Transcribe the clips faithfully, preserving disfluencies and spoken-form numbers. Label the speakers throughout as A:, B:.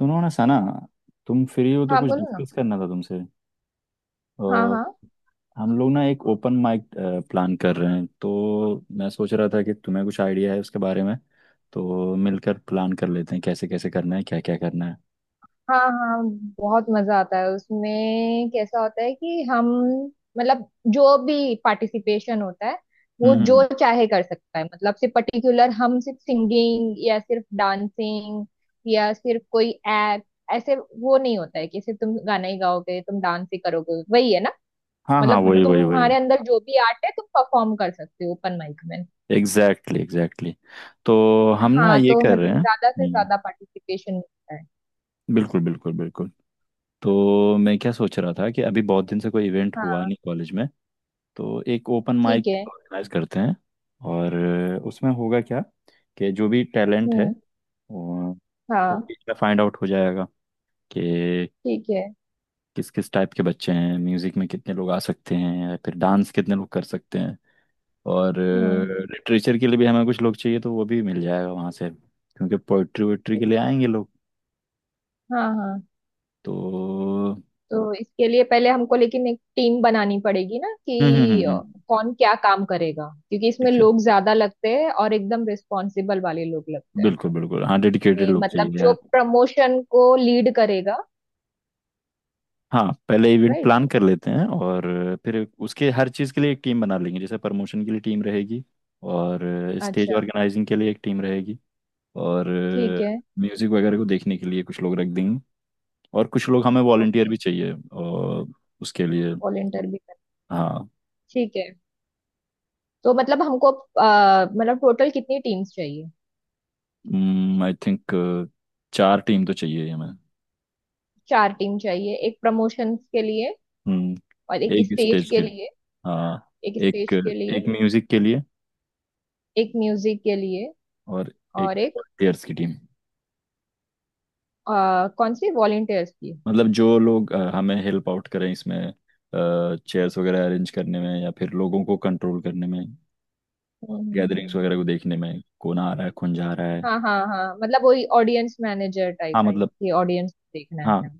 A: सुनो ना सना। तुम फ्री हो तो
B: हाँ
A: कुछ
B: बोलो ना।
A: डिस्कस करना था तुमसे।
B: हाँ
A: अ,
B: हाँ
A: हम लोग ना एक ओपन माइक प्लान कर रहे हैं, तो मैं सोच रहा था कि तुम्हें कुछ आइडिया है उसके बारे में। तो मिलकर प्लान कर लेते हैं कैसे कैसे करना है, क्या क्या करना है।
B: हाँ हाँ। बहुत मजा आता है उसमें। कैसा होता है कि हम, मतलब जो भी पार्टिसिपेशन होता है वो
A: हम्म हम्म,
B: जो
A: हम्म।
B: चाहे कर सकता है। मतलब सिर्फ पर्टिकुलर हम सिर्फ सिंगिंग या सिर्फ डांसिंग या सिर्फ कोई एक्ट, ऐसे वो नहीं होता है कि सिर्फ तुम गाना ही गाओगे, तुम डांस ही करोगे। वही है ना,
A: हाँ हाँ,
B: मतलब
A: वही वही वही।
B: तुम्हारे अंदर जो भी आर्ट है तुम परफॉर्म कर सकते हो ओपन माइक में।
A: Exactly exactly. तो हम ना
B: हाँ,
A: ये
B: तो
A: कर
B: मतलब
A: रहे हैं।
B: ज्यादा से
A: हम्म,
B: ज्यादा पार्टिसिपेशन मिलता है।
A: बिल्कुल बिल्कुल बिल्कुल। तो मैं क्या सोच रहा था कि अभी बहुत दिन से कोई इवेंट हुआ
B: हाँ।
A: नहीं कॉलेज में। तो एक ओपन
B: ठीक
A: माइक
B: है।
A: ऑर्गेनाइज करते हैं। और अ, उसमें होगा क्या कि जो भी टैलेंट है
B: हम्म।
A: वो
B: हाँ।
A: फाइंड आउट हो जाएगा कि
B: ठीक है।
A: किस किस टाइप के बच्चे हैं, म्यूजिक में कितने लोग आ सकते हैं या फिर डांस कितने लोग कर सकते हैं। और
B: हम्म।
A: लिटरेचर के लिए भी हमें कुछ लोग चाहिए, तो वो भी मिल जाएगा वहाँ से, क्योंकि पोइट्री वोइट्री के
B: ठीक
A: लिए
B: है।
A: आएंगे लोग।
B: हाँ हाँ,
A: तो
B: तो इसके लिए पहले हमको लेकिन एक टीम बनानी पड़ेगी ना
A: हम्म हम्म
B: कि
A: हम्म
B: अ,
A: हम्म,
B: कौन क्या काम करेगा, क्योंकि इसमें
A: ठीक है
B: लोग ज्यादा लगते हैं और एकदम रिस्पॉन्सिबल वाले लोग लगते हैं।
A: बिल्कुल बिल्कुल। हाँ, डेडिकेटेड
B: ये
A: लोग
B: मतलब
A: चाहिए
B: जो
A: यार।
B: प्रमोशन को लीड करेगा।
A: हाँ, पहले इवेंट
B: राइट।
A: प्लान कर लेते हैं और फिर उसके हर चीज़ के लिए एक टीम बना लेंगे। जैसे प्रमोशन के लिए टीम रहेगी, और स्टेज
B: अच्छा।
A: ऑर्गेनाइजिंग के लिए एक टीम रहेगी, और
B: ठीक है।
A: म्यूज़िक वगैरह को देखने के लिए कुछ लोग रख देंगे। और कुछ लोग हमें वॉलंटियर
B: ओके।
A: भी चाहिए और उसके लिए।
B: वॉलेंटियर भी कर।
A: हाँ।
B: ठीक है, तो मतलब हमको अ, मतलब टोटल कितनी टीम्स चाहिए।
A: आई थिंक चार टीम तो चाहिए ही हमें।
B: चार टीम चाहिए, एक प्रमोशन के लिए
A: हम्म,
B: और एक
A: एक
B: स्टेज
A: स्टेज
B: के
A: के।
B: लिए,
A: हाँ,
B: एक
A: एक,
B: स्टेज के लिए,
A: एक म्यूज़िक के लिए,
B: एक म्यूजिक के लिए
A: और एक
B: और एक
A: वॉलंटियर्स की टीम।
B: अ, कौन सी वॉलंटियर्स की।
A: मतलब जो लोग अ, हमें हेल्प आउट करें इसमें, चेयर्स वगैरह अरेंज करने में या फिर लोगों को कंट्रोल करने में,
B: हम्म, हम्म,
A: गैदरिंग्स वगैरह
B: हम्म।
A: को देखने में कौन आ रहा है कौन जा रहा है।
B: हाँ हाँ हाँ, मतलब वही ऑडियंस मैनेजर टाइप
A: हाँ सही
B: में
A: मतलब।
B: कि ऑडियंस देखना है।
A: हाँ है।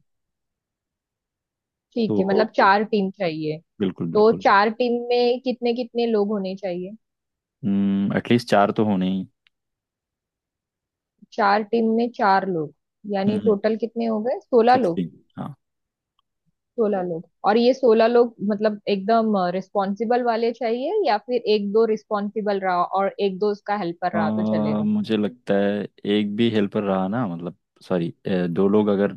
A: तो
B: ठीक है, मतलब चार टीम चाहिए।
A: बिल्कुल
B: तो
A: बिल्कुल।
B: चार टीम में कितने कितने लोग होने चाहिए?
A: हम्म, एटलीस्ट चार तो होने ही।
B: चार टीम में चार लोग, यानी
A: हम्म,
B: टोटल कितने हो गए, सोलह लोग।
A: सिक्सटीन। हाँ।
B: सोलह लोग, और ये सोलह लोग मतलब एकदम रिस्पॉन्सिबल वाले चाहिए या फिर एक दो रिस्पॉन्सिबल रहा और एक दो उसका हेल्पर
A: अ,
B: रहा तो चलेगा।
A: मुझे लगता है एक भी हेल्पर रहा ना, मतलब सॉरी, दो लोग अगर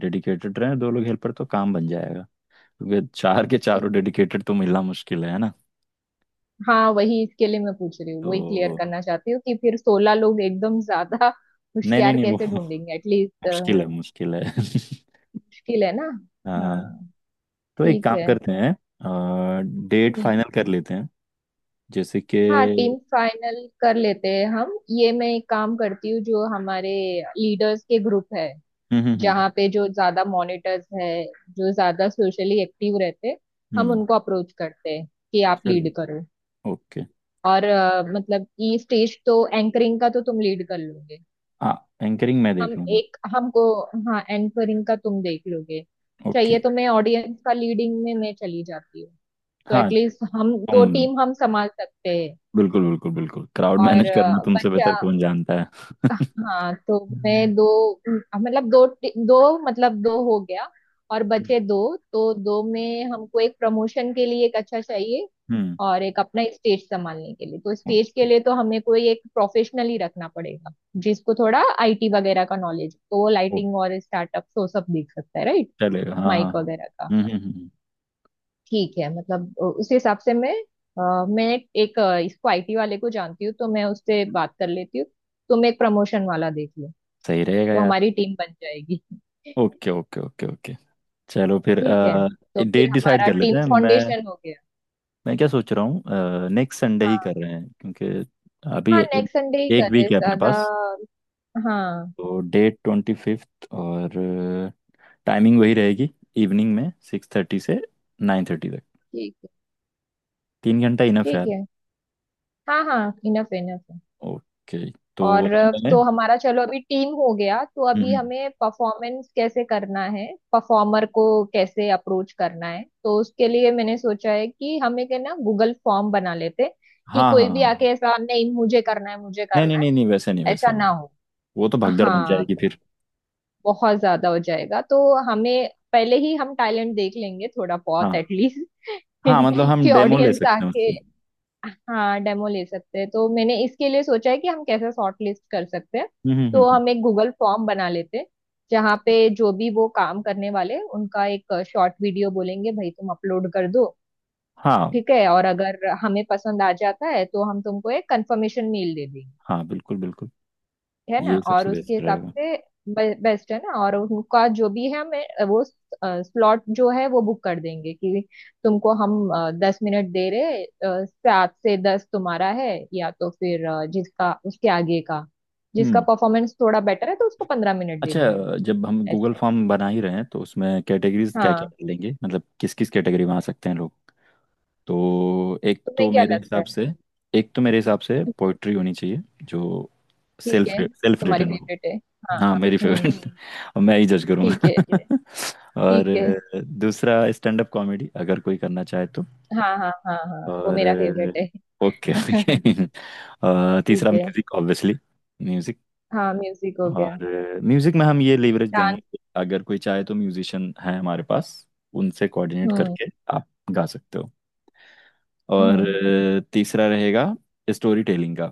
A: डेडिकेटेड रहे, दो लोग हेल्पर, तो काम बन जाएगा। क्योंकि चार के चारों
B: ठीक।
A: डेडिकेटेड तो मिलना मुश्किल है है ना।
B: हाँ, वही इसके लिए मैं पूछ रही हूँ,
A: तो
B: वही क्लियर करना चाहती हूँ कि फिर सोलह लोग एकदम ज्यादा
A: नहीं नहीं
B: होशियार
A: नहीं वो,
B: कैसे ढूंढेंगे एटलीस्ट।
A: मुश्किल है मुश्किल है।
B: मुश्किल है ना।
A: हाँ।
B: हाँ।
A: तो एक
B: ठीक
A: काम
B: है।
A: करते हैं, आ, डेट
B: हम्म।
A: फाइनल कर लेते हैं। जैसे कि
B: हाँ, टीम फाइनल कर लेते हैं। हम ये, मैं एक काम करती हूँ, जो हमारे लीडर्स के ग्रुप है,
A: हम्म हम्म हम्म
B: जहाँ पे जो ज्यादा मॉनिटर्स है, जो ज्यादा सोशली एक्टिव रहते हैं, हम
A: हम्म,
B: उनको अप्रोच करते हैं कि आप
A: चलो
B: लीड करो।
A: ओके।
B: और अ, मतलब ये स्टेज तो, एंकरिंग का तो तुम लीड कर लोगे।
A: हाँ, एंकरिंग मैं
B: हम
A: देख लूंगा।
B: एक हमको हाँ, एंकरिंग का तुम देख लोगे।
A: ओके।
B: चाहिए, तो मैं ऑडियंस का लीडिंग में मैं चली जाती हूँ, तो
A: हाँ
B: एटलीस्ट हम दो
A: तुम।
B: टीम हम संभाल सकते हैं।
A: बिल्कुल बिल्कुल बिल्कुल, क्राउड
B: और
A: मैनेज करना
B: अ,
A: तुमसे
B: बच्चा।
A: बेहतर कौन जानता है।
B: हाँ, तो
A: हम्म
B: मैं दो, अम, मतलब दो टी- दो, मतलब दो हो गया और बचे दो। तो दो में हमको एक प्रमोशन के लिए एक अच्छा चाहिए
A: हम्म,
B: और एक अपना स्टेज संभालने के लिए। तो स्टेज के
A: ओके
B: लिए तो हमें कोई एक प्रोफेशनल ही रखना पड़ेगा, जिसको थोड़ा आई टी वगैरह का नॉलेज, तो वो
A: ओके
B: लाइटिंग और स्टार्टअप तो सब देख सकता है, राइट?
A: चलेगा। हाँ हाँ,
B: माइक वगैरह का।
A: हम्म हम्म हम्म, हम्म।
B: ठीक है, मतलब अ, उस हिसाब से मैं अ, मैं एक अ, इसको आई टी वाले को जानती हूँ, तो मैं उससे बात कर लेती हूँ। तुम एक प्रमोशन वाला देख लो,
A: सही रहेगा
B: तो
A: यार।
B: हमारी टीम बन जाएगी।
A: ओके ओके ओके ओके, चलो फिर।
B: ठीक है, तो फिर
A: डेट डिसाइड
B: हमारा
A: कर
B: टीम
A: लेते हैं। मैं
B: फाउंडेशन हो गया।
A: मैं क्या सोच रहा हूँ, नेक्स्ट संडे ही कर
B: हाँ।
A: रहे हैं क्योंकि अभी
B: हाँ,
A: एक,
B: नेक्स्ट संडे ही
A: एक
B: कर रहे
A: वीक है अपने
B: ज्यादा।
A: पास।
B: हाँ।
A: तो डेट ट्वेंटी फिफ्थ, और टाइमिंग वही रहेगी, इवनिंग में सिक्स थर्टी से नाइन थर्टी तक।
B: ठीक है।
A: तीन घंटा इनफ है
B: ठीक
A: यार।
B: है। हाँ हाँ, इनफ इनफ है।
A: ओके, तो
B: और अ,
A: मैंने।
B: तो हमारा, चलो अभी टीम हो गया, तो
A: हम्म
B: अभी
A: हम्म,
B: हमें परफॉर्मेंस कैसे करना है, परफॉर्मर को कैसे अप्रोच करना है। तो उसके लिए मैंने सोचा है कि हम एक है ना गूगल फॉर्म बना लेते, कि
A: हाँ हाँ
B: कोई
A: हाँ
B: भी आके
A: हाँ।
B: ऐसा नहीं मुझे करना है मुझे
A: नहीं नहीं
B: करना है,
A: नहीं नहीं, वैसे नहीं
B: ऐसा
A: वैसे
B: ना
A: नहीं,
B: हो।
A: वो तो भगदड़ मच
B: हाँ,
A: जाएगी
B: तो
A: फिर।
B: बहुत ज्यादा हो जाएगा, तो हमें पहले ही हम टाइलेंट देख लेंगे थोड़ा बहुत
A: हाँ
B: एटलीस्ट।
A: हाँ, मतलब हम
B: कि
A: डेमो ले
B: ऑडियंस
A: सकते हैं
B: आके,
A: उससे।
B: हाँ डेमो ले सकते हैं। तो मैंने इसके लिए सोचा है कि हम कैसे शॉर्ट लिस्ट कर सकते हैं।
A: हम्म हम्म हम्म
B: तो
A: हम्म।
B: हम एक गूगल फॉर्म बना लेते हैं, जहाँ पे जो भी वो काम करने वाले हैं, उनका एक शॉर्ट वीडियो बोलेंगे, भाई तुम अपलोड कर दो,
A: हाँ
B: ठीक है? और अगर हमें पसंद आ जाता है तो हम तुमको एक कंफर्मेशन मेल दे देंगे,
A: हाँ बिल्कुल बिल्कुल,
B: है ना?
A: ये
B: और
A: सबसे
B: उसके
A: बेस्ट
B: हिसाब
A: रहेगा।
B: से, बेस्ट है ना, और उनका जो भी है हमें वो स्लॉट जो है वो बुक कर देंगे कि तुमको हम अ, दस मिनट दे रहे, अ, सात से दस तुम्हारा है, या तो फिर अ, जिसका उसके आगे का, जिसका
A: हम्म,
B: परफॉर्मेंस थोड़ा बेटर है तो उसको पंद्रह मिनट दे
A: अच्छा।
B: देंगे।
A: जब हम
B: ऐसे।
A: गूगल फॉर्म बना ही रहे हैं, तो उसमें कैटेगरीज क्या क्या
B: हाँ,
A: डालेंगे, मतलब किस किस कैटेगरी में आ सकते हैं लोग। तो एक
B: तुम्हें
A: तो
B: क्या
A: मेरे
B: लगता
A: हिसाब
B: है?
A: से एक तो मेरे हिसाब से
B: हम्म।
A: पोइट्री होनी चाहिए जो
B: ठीक
A: सेल्फ
B: है,
A: सेल्फ
B: तुम्हारी
A: रिटन हो।
B: फेवरेट है। हाँ।
A: हाँ मेरी
B: हम्म।
A: फेवरेट, और मैं ही जज
B: ठीक
A: करूँगा।
B: है। ठीक
A: और
B: है।
A: दूसरा स्टैंड अप कॉमेडी, अगर कोई करना चाहे तो।
B: हाँ हाँ हाँ हाँ, वो
A: और
B: मेरा फेवरेट
A: ओके।
B: है।
A: तीसरा
B: ठीक है।
A: Music obviously.
B: हाँ, म्यूजिक हो गया।
A: और म्यूजिक में हम ये लेवरेज देंगे
B: डांस।
A: कि अगर कोई चाहे, तो म्यूजिशियन है हमारे पास, उनसे कोऑर्डिनेट
B: हम्म
A: करके आप गा सकते हो। और
B: हम्म
A: अ, तीसरा रहेगा स्टोरी टेलिंग का।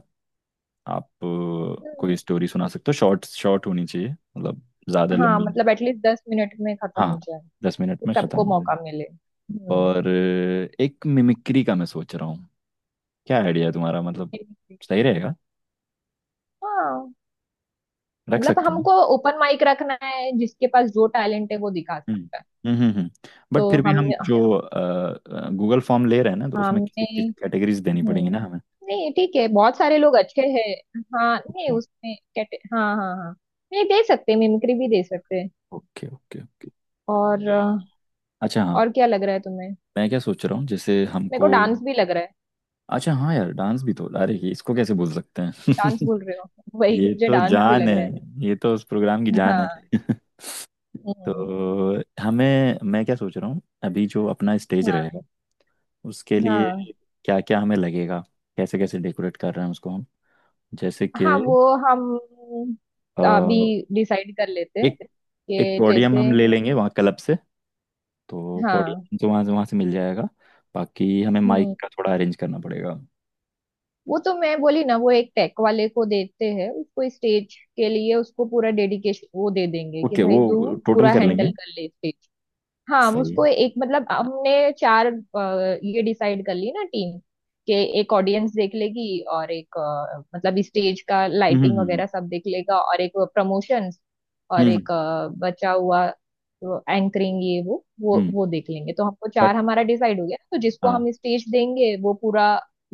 A: आप अ,
B: हम्म।
A: कोई स्टोरी सुना सकते हो, शॉर्ट शॉर्ट होनी चाहिए, मतलब ज़्यादा
B: हाँ,
A: लंबी नहीं।
B: मतलब एटलीस्ट दस मिनट में खत्म हो
A: हाँ,
B: जाए, कि
A: दस मिनट में ख़त्म
B: सबको
A: हो जाए।
B: मौका मिले। हम्म।
A: और अ, एक मिमिक्री का मैं सोच रहा हूँ, क्या आइडिया है तुम्हारा। मतलब सही रहेगा,
B: हाँ,
A: रख
B: मतलब
A: सकते हैं।
B: हमको ओपन माइक रखना है, जिसके पास जो टैलेंट है वो दिखा
A: हम्म
B: सकता है।
A: हम्म हम्म, बट
B: तो
A: फिर भी हम
B: हमने
A: जो गूगल फॉर्म ले रहे हैं ना, तो उसमें
B: हमने
A: किसी कैटेगरीज देनी
B: हम्म,
A: पड़ेंगी ना हमें।
B: नहीं ठीक है, बहुत सारे लोग अच्छे हैं। हाँ, नहीं
A: ओके
B: उसमें कैटे, हाँ हाँ हाँ नहीं दे सकते, मिमिक्री भी दे सकते हैं।
A: ओके ओके ओके,
B: और अ,
A: अच्छा हाँ।
B: और क्या लग रहा है तुम्हें?
A: मैं क्या सोच रहा हूँ जैसे
B: मेरे
A: हमको
B: को डांस भी लग रहा है।
A: अच्छा हाँ यार, डांस भी तो, अरे ये इसको कैसे भूल सकते
B: डांस
A: हैं।
B: बोल रहे हो, वही
A: ये
B: मुझे
A: तो
B: डांस भी
A: जान
B: लग
A: है,
B: रहा
A: ये तो उस प्रोग्राम की
B: है।
A: जान
B: हाँ।
A: है।
B: हम्म।
A: तो हमें, मैं क्या सोच रहा हूँ, अभी जो अपना स्टेज
B: हाँ
A: रहेगा उसके लिए
B: हाँ
A: क्या क्या हमें लगेगा, कैसे कैसे डेकोरेट कर रहे हैं उसको हम। जैसे कि
B: हाँ वो, हम अभी डिसाइड कर लेते हैं
A: एक, एक
B: कि
A: पोडियम
B: जैसे।
A: हम ले लेंगे वहाँ क्लब से। तो
B: हाँ।
A: पोडियम तो वहाँ से वहाँ से मिल जाएगा। बाकी हमें माइक
B: हम्म,
A: का थोड़ा अरेंज करना पड़ेगा।
B: वो तो मैं बोली ना वो एक टेक वाले को देते हैं उसको स्टेज के लिए, उसको पूरा डेडिकेशन वो दे देंगे कि
A: ओके
B: भाई तू
A: वो टोटल
B: पूरा
A: कर
B: हैंडल
A: लेंगे।
B: कर ले। हाँ,
A: सही
B: उसको
A: है।
B: एक, मतलब हमने चार अ, ये डिसाइड कर ली ना टीम, कि एक ऑडियंस देख लेगी और एक अ, मतलब स्टेज का
A: हम्म
B: लाइटिंग
A: हम्म
B: वगैरह सब देख लेगा और एक प्रमोशंस और
A: हम्म
B: एक अ, बचा हुआ एंकरिंग, ये वो वो
A: हम्म,
B: वो देख लेंगे। तो हमको
A: बट
B: चार हमारा डिसाइड हो गया ना। तो जिसको
A: हाँ,
B: हम स्टेज देंगे वो पूरा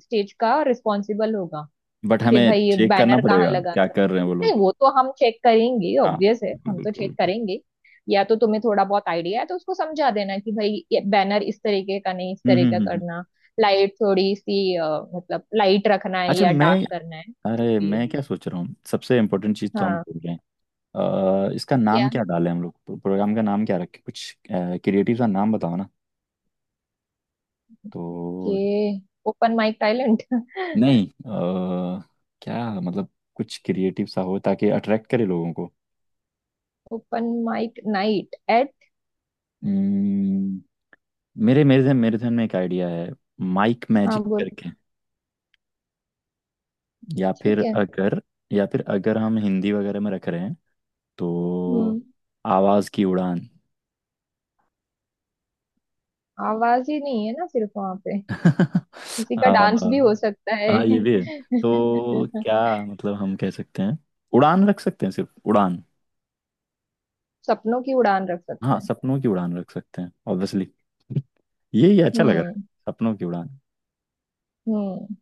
B: स्टेज का रिस्पॉन्सिबल होगा
A: बट
B: कि
A: हमें
B: भाई
A: चेक करना
B: बैनर कहाँ,
A: पड़ेगा क्या कर रहे हैं वो
B: नहीं
A: लोग।
B: वो तो हम चेक करेंगे,
A: हाँ
B: ऑब्वियस है
A: बिल्कुल
B: हम तो
A: बिल्कुल
B: चेक
A: बिल्कुल।
B: करेंगे। या तो तुम्हें थोड़ा बहुत आइडिया है तो उसको समझा देना कि भाई ये बैनर इस तरीके का नहीं, इस
A: हम्म हम्म
B: तरीके का
A: हम्म हम्म।
B: करना, लाइट थोड़ी सी अ, मतलब लाइट रखना है
A: अच्छा
B: या
A: मैं,
B: डार्क करना है, जो
A: अरे
B: भी है।
A: मैं क्या सोच रहा हूँ, सबसे इम्पोर्टेंट चीज़ तो हम
B: हाँ।
A: भूल रहे हैं। अ, इसका नाम
B: क्या?
A: क्या डालें हम लोग, प्रोग्राम का नाम क्या रखें, कुछ क्रिएटिव सा नाम बताओ ना। तो
B: के, ओपन माइक टैलेंट।
A: नहीं, अ, क्या मतलब, कुछ क्रिएटिव सा हो ताकि अट्रैक्ट करे लोगों को।
B: Open mic night at.
A: हम्म, मेरे मेरे ध्यान मेरे ध्यान में एक आइडिया है, माइक
B: हाँ
A: मैजिक
B: बोलो।
A: करके। या फिर
B: ठीक है।
A: अगर, या फिर अगर हम हिंदी वगैरह में रख रहे हैं तो
B: हम्म।
A: आवाज की उड़ान।
B: आवाज ही नहीं है ना सिर्फ वहां पे, किसी का डांस भी
A: अ,
B: हो सकता
A: हाँ ये
B: है।
A: भी है, तो क्या मतलब, हम कह सकते हैं उड़ान रख सकते हैं, सिर्फ उड़ान।
B: सपनों की उड़ान रख
A: हाँ
B: सकता है।
A: सपनों की उड़ान रख सकते हैं ऑब्वियसली। ये ये अच्छा लग रहा
B: हम्म।
A: है सपनों की उड़ान।
B: हम्म,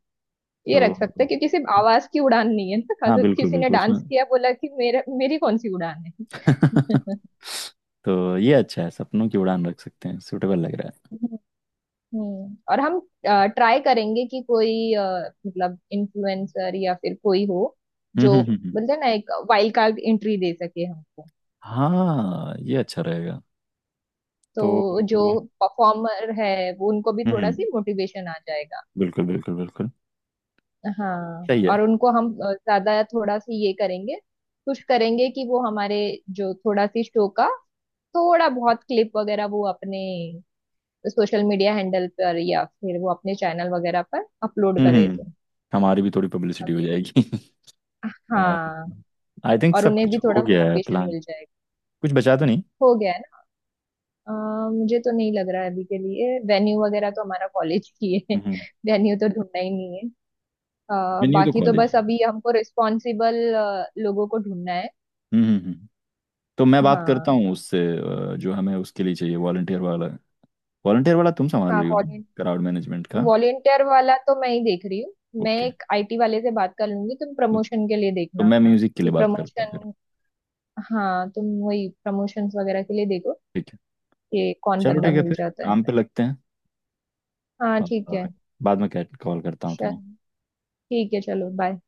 B: ये
A: तो
B: रख सकते हैं, क्योंकि सिर्फ आवाज की उड़ान नहीं है ना,
A: हाँ
B: अगर
A: बिल्कुल
B: किसी ने
A: बिल्कुल उसमें।
B: डांस किया बोला कि मेरा मेरी कौन सी उड़ान है।
A: तो ये अच्छा है, सपनों की उड़ान रख सकते हैं, सुटेबल लग रहा
B: हम्म, और हम ट्राई करेंगे कि कोई अ, मतलब इन्फ्लुएंसर या फिर कोई हो,
A: है। हम्म
B: जो
A: हम्म हम्म हम्म।
B: बोलते हैं ना एक वाइल्ड कार्ड एंट्री दे सके हमको,
A: हाँ ये अच्छा रहेगा। तो
B: तो जो
A: हम्म
B: परफॉर्मर है वो उनको भी थोड़ा
A: हम्म,
B: सी मोटिवेशन आ जाएगा।
A: बिल्कुल बिल्कुल बिल्कुल,
B: हाँ,
A: सही है।
B: और उनको हम अ, ज्यादा थोड़ा सी ये करेंगे, कुछ करेंगे कि वो हमारे जो थोड़ा सी शो का थोड़ा बहुत क्लिप वगैरह वो अपने सोशल मीडिया हैंडल पर या फिर वो अपने चैनल वगैरह पर अपलोड
A: हम्म हम्म।
B: करे, तो
A: हम्म। हमारी भी थोड़ी पब्लिसिटी हो
B: हमें,
A: जाएगी।
B: हाँ
A: आई थिंक
B: और
A: सब
B: उन्हें
A: कुछ
B: भी थोड़ा
A: हो गया है
B: मोटिवेशन
A: प्लान,
B: मिल जाएगा।
A: कुछ बचा तो नहीं।
B: हो गया है ना। अ, मुझे तो नहीं लग रहा है अभी के लिए, वेन्यू वगैरह तो हमारा कॉलेज की है।
A: हम्म,
B: वेन्यू तो ढूंढना ही नहीं है। अ,
A: मेन्यू तो
B: बाकी तो
A: कॉलेज।
B: बस अभी हमको रिस्पॉन्सिबल लोगों को ढूंढना है।
A: हम्म हम्म हम्म। तो मैं बात करता
B: हाँ।
A: हूँ उससे। अ, जो हमें उसके लिए चाहिए वॉलंटियर वाला, वॉलंटियर वाला तुम संभाल
B: हाँ,
A: रही हो ना, क्राउड मैनेजमेंट का।
B: वॉलेंटियर वाला तो मैं ही देख रही हूँ। मैं
A: ओके,
B: एक आई टी वाले से बात कर लूंगी, तुम प्रमोशन के लिए
A: तो
B: देखना
A: मैं म्यूजिक के
B: कि
A: लिए बात करता हूँ फिर।
B: प्रमोशन। हाँ तुम वही प्रमोशंस वगैरह के लिए देखो,
A: ठीक है,
B: कि कौन
A: चलो
B: बंदा
A: ठीक है,
B: मिल
A: फिर
B: जाता है।
A: काम पे लगते हैं।
B: हाँ ठीक है।
A: और बाद में कॉल करता हूँ तुम्हें।
B: चल ठीक है, चलो बाय।